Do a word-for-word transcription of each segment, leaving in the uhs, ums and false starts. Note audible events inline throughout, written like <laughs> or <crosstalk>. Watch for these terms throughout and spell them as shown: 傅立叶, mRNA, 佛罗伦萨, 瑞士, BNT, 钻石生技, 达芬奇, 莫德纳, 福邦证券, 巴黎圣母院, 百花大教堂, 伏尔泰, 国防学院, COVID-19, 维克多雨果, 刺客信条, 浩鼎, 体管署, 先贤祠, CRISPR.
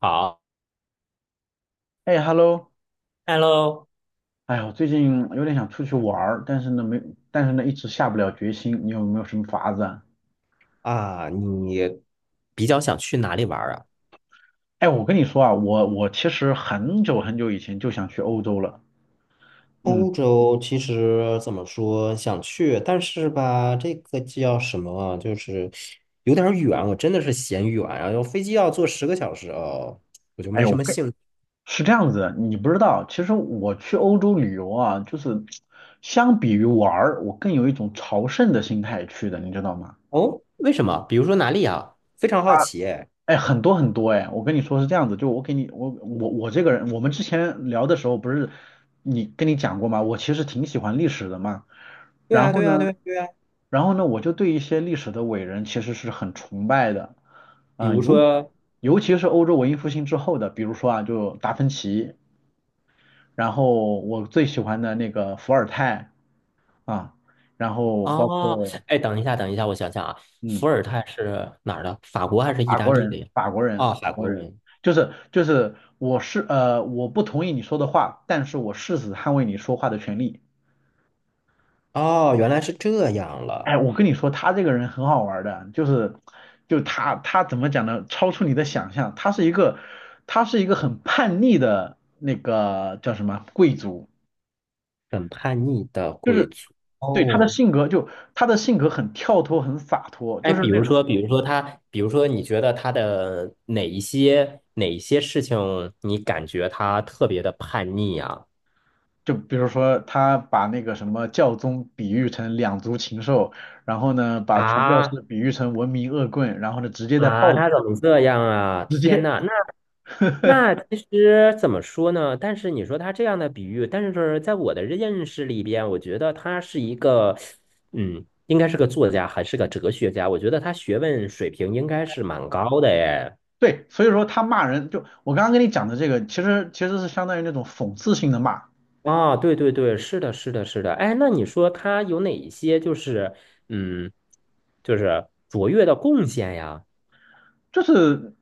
好哎，hello，，Hello 哎呀，我最近有点想出去玩儿，但是呢没，但是呢一直下不了决心。你有没有什么法子啊？啊，你比较想去哪里玩儿啊？哎，我跟你说啊，我我其实很久很久以前就想去欧洲了。嗯，欧洲其实怎么说想去，但是吧，这个叫什么啊？就是有点儿远，我真的是嫌远啊，然后飞机要坐十个小时哦，我就哎，没什我么跟兴趣。是这样子，你不知道，其实我去欧洲旅游啊，就是相比于玩儿，我更有一种朝圣的心态去的，你知道吗？哦，为什么？比如说哪里啊？非常好奇哎，哎，很多很多哎，我跟你说是这样子，就我给你，我我我这个人，我们之前聊的时候不是你跟你讲过吗？我其实挺喜欢历史的嘛。对然啊，后对啊，对呢，啊，对啊。然后呢，我就对一些历史的伟人其实是很崇拜的，比如嗯、尤说，尤其是欧洲文艺复兴之后的，比如说啊，就达芬奇，然后我最喜欢的那个伏尔泰啊，然后包哦，括哎，等一下，等一下，我想想啊，嗯，伏尔泰是哪儿的？法国还是意法大国利人，的呀？法国人，法啊，法国国人，人。就是就是我是呃，我不同意你说的话，但是我誓死捍卫你说话的权利。哦，原来是这样哎，了，我跟你说，他这个人很好玩儿的，就是，就他他怎么讲呢？超出你的想象，他是一个，他是一个很叛逆的那个叫什么贵族，很叛逆的就贵是族。对他的哦，性格就他的性格很跳脱，很洒脱，哎，就是比那如种说，比如说他，比如说，你觉得他的哪一些哪一些事情，你感觉他特别的叛逆啊？就比如说他把那个什么教宗比喻成两足禽兽，然后呢把传教士啊，比喻成文明恶棍，然后呢直接在啊，报他怎么这样啊？直天接 呐，那 <laughs> 那其实怎么说呢？但是你说他这样的比喻，但是在我的认识里边，我觉得他是一个，嗯，应该是个作家，还是个哲学家。我觉得他学问水平应该是蛮高的耶。对，所以说他骂人，就我刚刚跟你讲的这个，其实其实是相当于那种讽刺性的骂，啊，对对对，是的，是的，是的。哎，那你说他有哪一些就是嗯，就是卓越的贡献呀？就是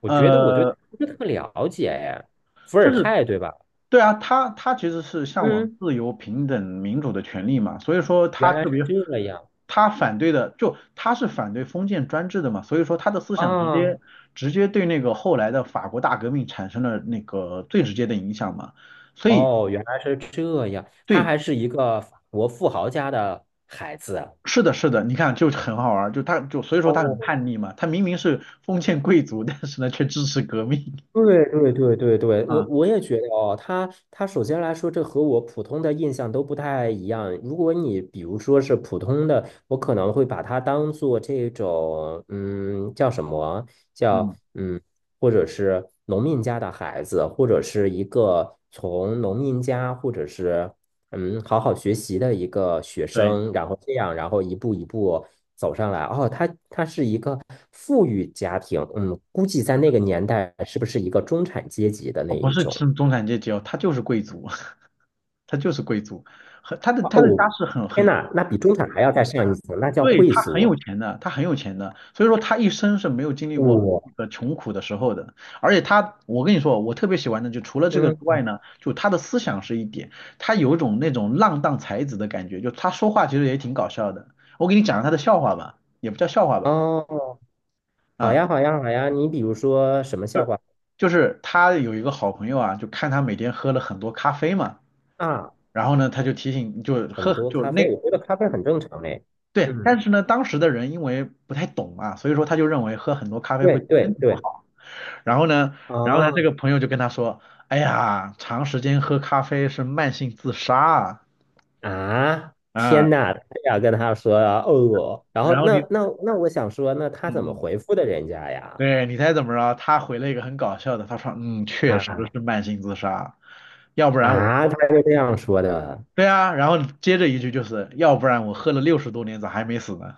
我觉得我对他呃，不是特了解哎，伏就尔是泰对吧？对啊，他他其实是向往嗯。自由、平等、民主的权利嘛，所以说他原来特是别，这样他反对的就他是反对封建专制的嘛，所以说他的思想直啊！接直接对那个后来的法国大革命产生了那个最直接的影响嘛，所以哦，原来是这样，他对，还是一个法国富豪家的孩子。是的，是的，你看就很好玩儿，就他就所以说他很哦，叛逆嘛，他明明是封建贵族，<laughs> 但是呢却支持革命 对对对对对，<laughs> 我啊，我也觉得哦，他他首先来说，这和我普通的印象都不太一样。如果你比如说是普通的，我可能会把它当做这种，嗯，叫什么？叫嗯，嗯，或者是农民家的孩子，或者是一个从农民家，或者是嗯，好好学习的一个学对，生，然后这样，然后一步一步走上来。哦，他他是一个富裕家庭，嗯，估计在那个年代是不是一个中产阶级的哦，那不一是种？中中产阶级哦，他就是贵族，<laughs> 他就是贵族，很他的哦，他的家世很天很呐，那比中产还要再上一层，那叫对，贵他很族。有钱的，他很有钱的，所以说他一生是没有经历过我、那个穷苦的时候的。而且他，我跟你说，我特别喜欢的就除了这个之嗯，外呢，就他的思想是一点，他有一种那种浪荡才子的感觉，就他说话其实也挺搞笑的。我给你讲个他的笑话吧，也不叫笑话吧，哦，好啊，呀，好呀，好呀。你比如说什么笑话就是他有一个好朋友啊，就看他每天喝了很多咖啡嘛，啊？然后呢，他就提醒，就很喝多就咖那。啡，我觉得咖啡很正常嘞。对，嗯，但是呢，当时的人因为不太懂嘛，所以说他就认为喝很多咖啡对会对对身体不对，好。然后呢，然后他这啊，个朋友就跟他说，哎呀，长时间喝咖啡是慢性自杀啊，啊，天啊，呐，他这样跟他说啊，哦，然后然后你，那那那我想说，那他怎嗯么嗯，回复的人家呀？对，你猜怎么着？他回了一个很搞笑的，他说，嗯，确实啊是慢性自杀，要不然我，啊，他是这样说的对啊，然后接着一句就是，要不然我喝了六十多年咋还没死呢？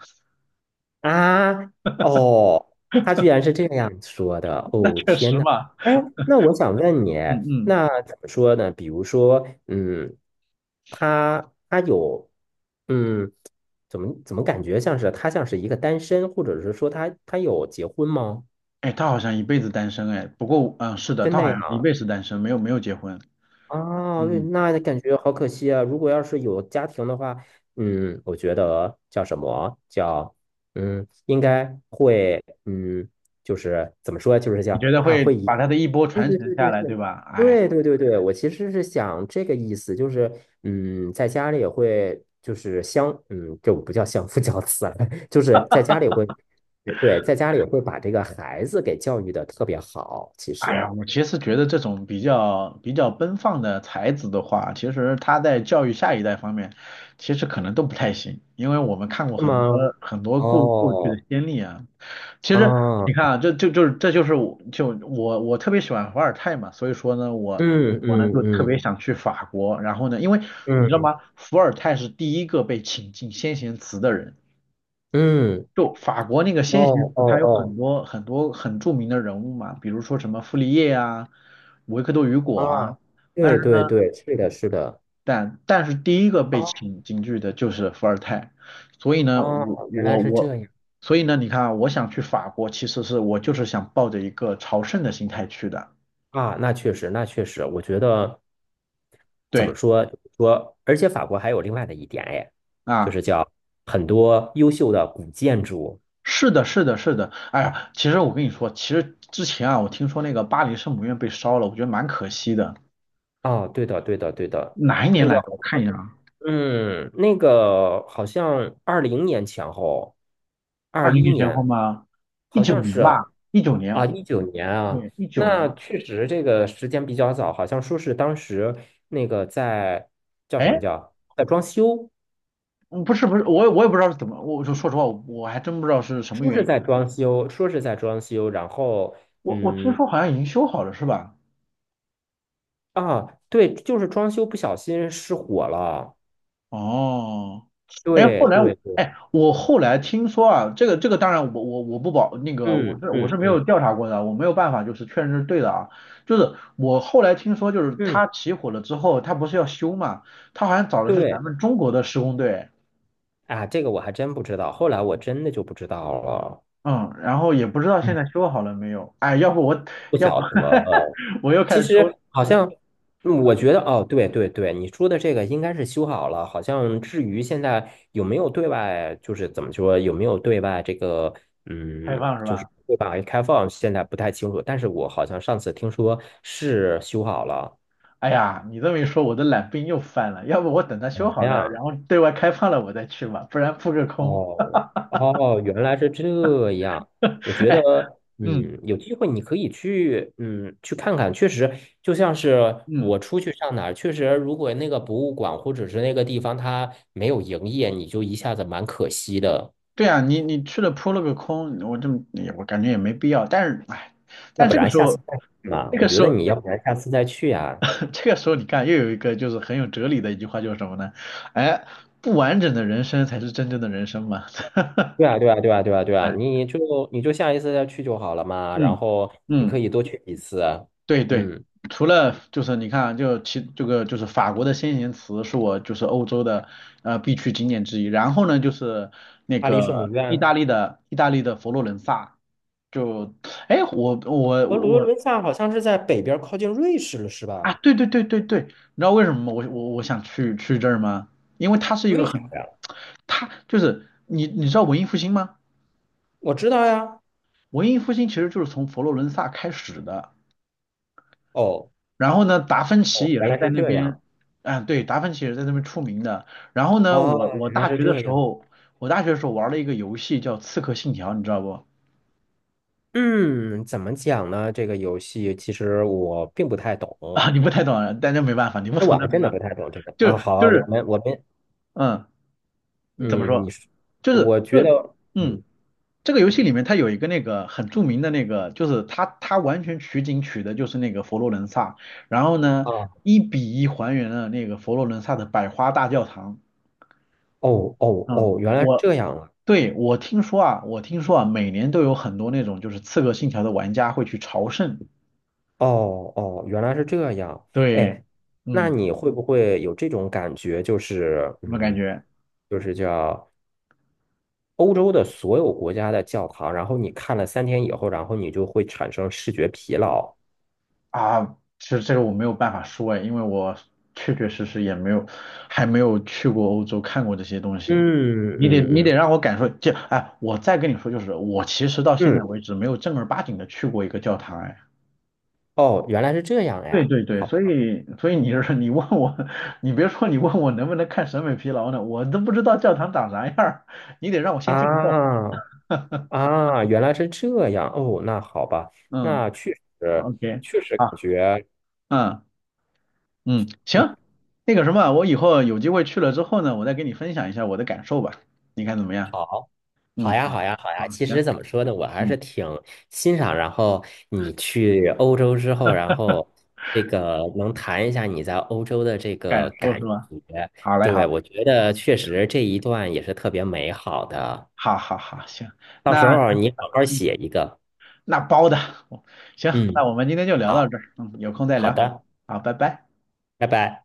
啊，哦，他居然是这样说的，<laughs> 那哦，确天实呐，嘛，哎，那我想问你，嗯嗯，那怎么说呢？比如说，嗯，他他有，嗯，怎么怎么感觉像是他像是一个单身，或者是说他他有结婚吗？哎，他好像一辈子单身，哎，不过，嗯，是的，真他的好呀？像是一辈子单身，没有没有结婚，啊，对，嗯，那感觉好可惜啊！如果要是有家庭的话，嗯，我觉得叫什么叫嗯，应该会嗯，就是怎么说，就是你叫觉得啊，会会以把他的一波对传对承对下对来，对对吧？哎。对对对对，我其实是想这个意思，就是嗯，在家里也会就是相嗯，这不叫相夫教子了，<laughs> 就是在家里会对，在家里会把这个孩子给教育的特别好，其哎实呀，我其实觉得这种比较比较奔放的才子的话，其实他在教育下一代方面，其实可能都不太行，因为我们看过是很多吗？很多过过去的哦，先例啊。其实啊，你看啊，这就就是这就是我就我我特别喜欢伏尔泰嘛，所以说呢，我嗯我呢嗯就特嗯别想去法国，然后呢，因为你嗯知道吗，伏尔泰是第一个被请进先贤祠的人。嗯，就法国那个先行哦词，它有很哦多很多很著名的人物嘛，比如说什么傅立叶啊、维克多雨哦，果啊。啊，但对是对呢，对，是的，是的，但但是第一个被哦请进去的就是伏尔泰，所以呢，哦，我原来我是我，这样所以呢，你看啊，我想去法国，其实是我就是想抱着一个朝圣的心态去的。啊，那确实，那确实，我觉得怎么对说说，而且法国还有另外的一点，哎，就是啊，叫很多优秀的古建筑。是的，是的，是的。哎呀，其实我跟你说，其实之前啊，我听说那个巴黎圣母院被烧了，我觉得蛮可惜的。哦，对的，对的，对的，哪一年那来个。的？我看一下啊。嗯，那个好像二零年前后，二二零一年前后年吗？一好九像年是啊，吧，一九啊年，一九年啊，对，一九那年。确实这个时间比较早，好像说是当时那个在叫什么哎，叫在装修，嗯不是不是，我也我也不知道是怎么，我就说实话，我我还真不知道是什么说原是因。在装修，说是在装修，然后我我听嗯说好像已经修好了，是吧？啊，对，就是装修不小心失火了，哦，哎，对后来我对对，哎，我后来听说啊，这个这个当然我我我不保那个我嗯是我嗯是没有嗯调查过的，我没有办法就是确认是对的啊。就是我后来听说，就是嗯，他起火了之后，他不是要修嘛，他好像找的是咱对。们中国的施工队。啊，这个我还真不知道，后来我真的就不知道了，嗯，然后也不知道现嗯，在修好了没有。哎，要不我，不要不 晓得了。<laughs> 我又开其始偷实好像，嗯我觉得哦，对对对，你说的这个应该是修好了。好像至于现在有没有对外，就是怎么说，有没有对外这个，嗯，开放是就是吧？对外开放，现在不太清楚。但是我好像上次听说是修好了。哎呀，你这么一说，我的懒病又犯了。要不我等它哎修好了，呀，然后对外开放了我再去吧，不然扑个空。哦哦，原来是这样。我 <laughs> 觉哎，得，嗯嗯，有机会你可以去，嗯，去看看。确实，就像是嗯，我出去上哪儿，确实，如果那个博物馆或者是那个地方它没有营业，你就一下子蛮可惜的。对啊，你你去了扑了个空，我这么也我感觉也没必要。但是哎，要但不这个然时下次候，再去嘛，这我个觉时得候，你要不然下次再去呀。<laughs> 这个时候你看又有一个就是很有哲理的一句话，就是什么呢？哎，不完整的人生才是真正的人生嘛。<laughs> 对啊，对啊，对啊，对啊，对啊，你就你就下一次再去就好了嘛。然嗯后你可嗯，以多去几次。对对，嗯，除了就是你看啊，就其这个就是法国的先贤祠是我就是欧洲的呃必去景点之一，然后呢就是那巴黎圣母个意大院。利的意大利的佛罗伦萨，就哎我我佛罗我伦萨好像是在北边靠近瑞士了，是啊吧？对对对对对，你知道为什么吗我我我想去去这儿吗？因为它是一个为啥很呀？它就是你你知道文艺复兴吗？我知道呀。文艺复兴其实就是从佛罗伦萨开始的。哦然后呢，达芬奇哦，也原是来在是那这样。边，啊，对，达芬奇也是在那边出名的。然后呢，我哦，我原来大是学的这时样。候，我大学的时候玩了一个游戏叫《刺客信条》，你知道不？<laughs> 嗯，怎么讲呢？这个游戏其实我并不太懂，啊，你不太懂啊，但那没办法，你不这懂我那还没真的办法，不太懂这个。就啊，是好就啊我是，们我们，嗯，你怎么嗯，你说？说，就是我就觉是，得，嗯，嗯这个游戏里面它有一个那个很著名的那个，就是它它完全取景取的就是那个佛罗伦萨，然后呢，啊，一比一还原了那个佛罗伦萨的百花大教堂。哦哦嗯，哦，原来是我这样啊。对，我听说啊，我听说啊，每年都有很多那种就是《刺客信条》的玩家会去朝圣。哦哦，原来是这样。对，哎，那嗯，你会不会有这种感觉？就是，怎么感嗯，觉就是叫。欧洲的所有国家的教堂，然后你看了三天以后，然后你就会产生视觉疲劳。啊？其实这个我没有办法说哎，因为我确确实实也没有，还没有去过欧洲看过这些东西。嗯你得嗯你得嗯让我感受，就哎，我再跟你说就是，我其实到现在嗯，为止没有正儿八经的去过一个教堂哎。哦，原来是这样对呀。对对，所好以所以你是 <laughs> 你问我，<laughs> 你别说你问我能不能看审美疲劳呢，我都不知道教堂长啥样儿，你得让我先进个教堂。啊啊，原来是这样。哦，那好吧，嗯那确实，O K，确实感好，觉。嗯嗯，嗯行，那个什么，我以后有机会去了之后呢，我再跟你分享一下我的感受吧，你看怎么样？好。嗯，好呀，好，好呀，好好，呀。其行，实怎么说呢，我还嗯，是挺欣赏。然后你去欧洲之后，然后这个能谈一下你在欧洲的这感个受感是吧？觉。好嘞，好对，嘞，我觉得确实这一段也是特别美好的。好好好，行，到时那候你好好写一个。那包的，<laughs> 行，那嗯，我们今天就聊到好，这儿，嗯，有空再好聊，的，好，拜拜。拜拜。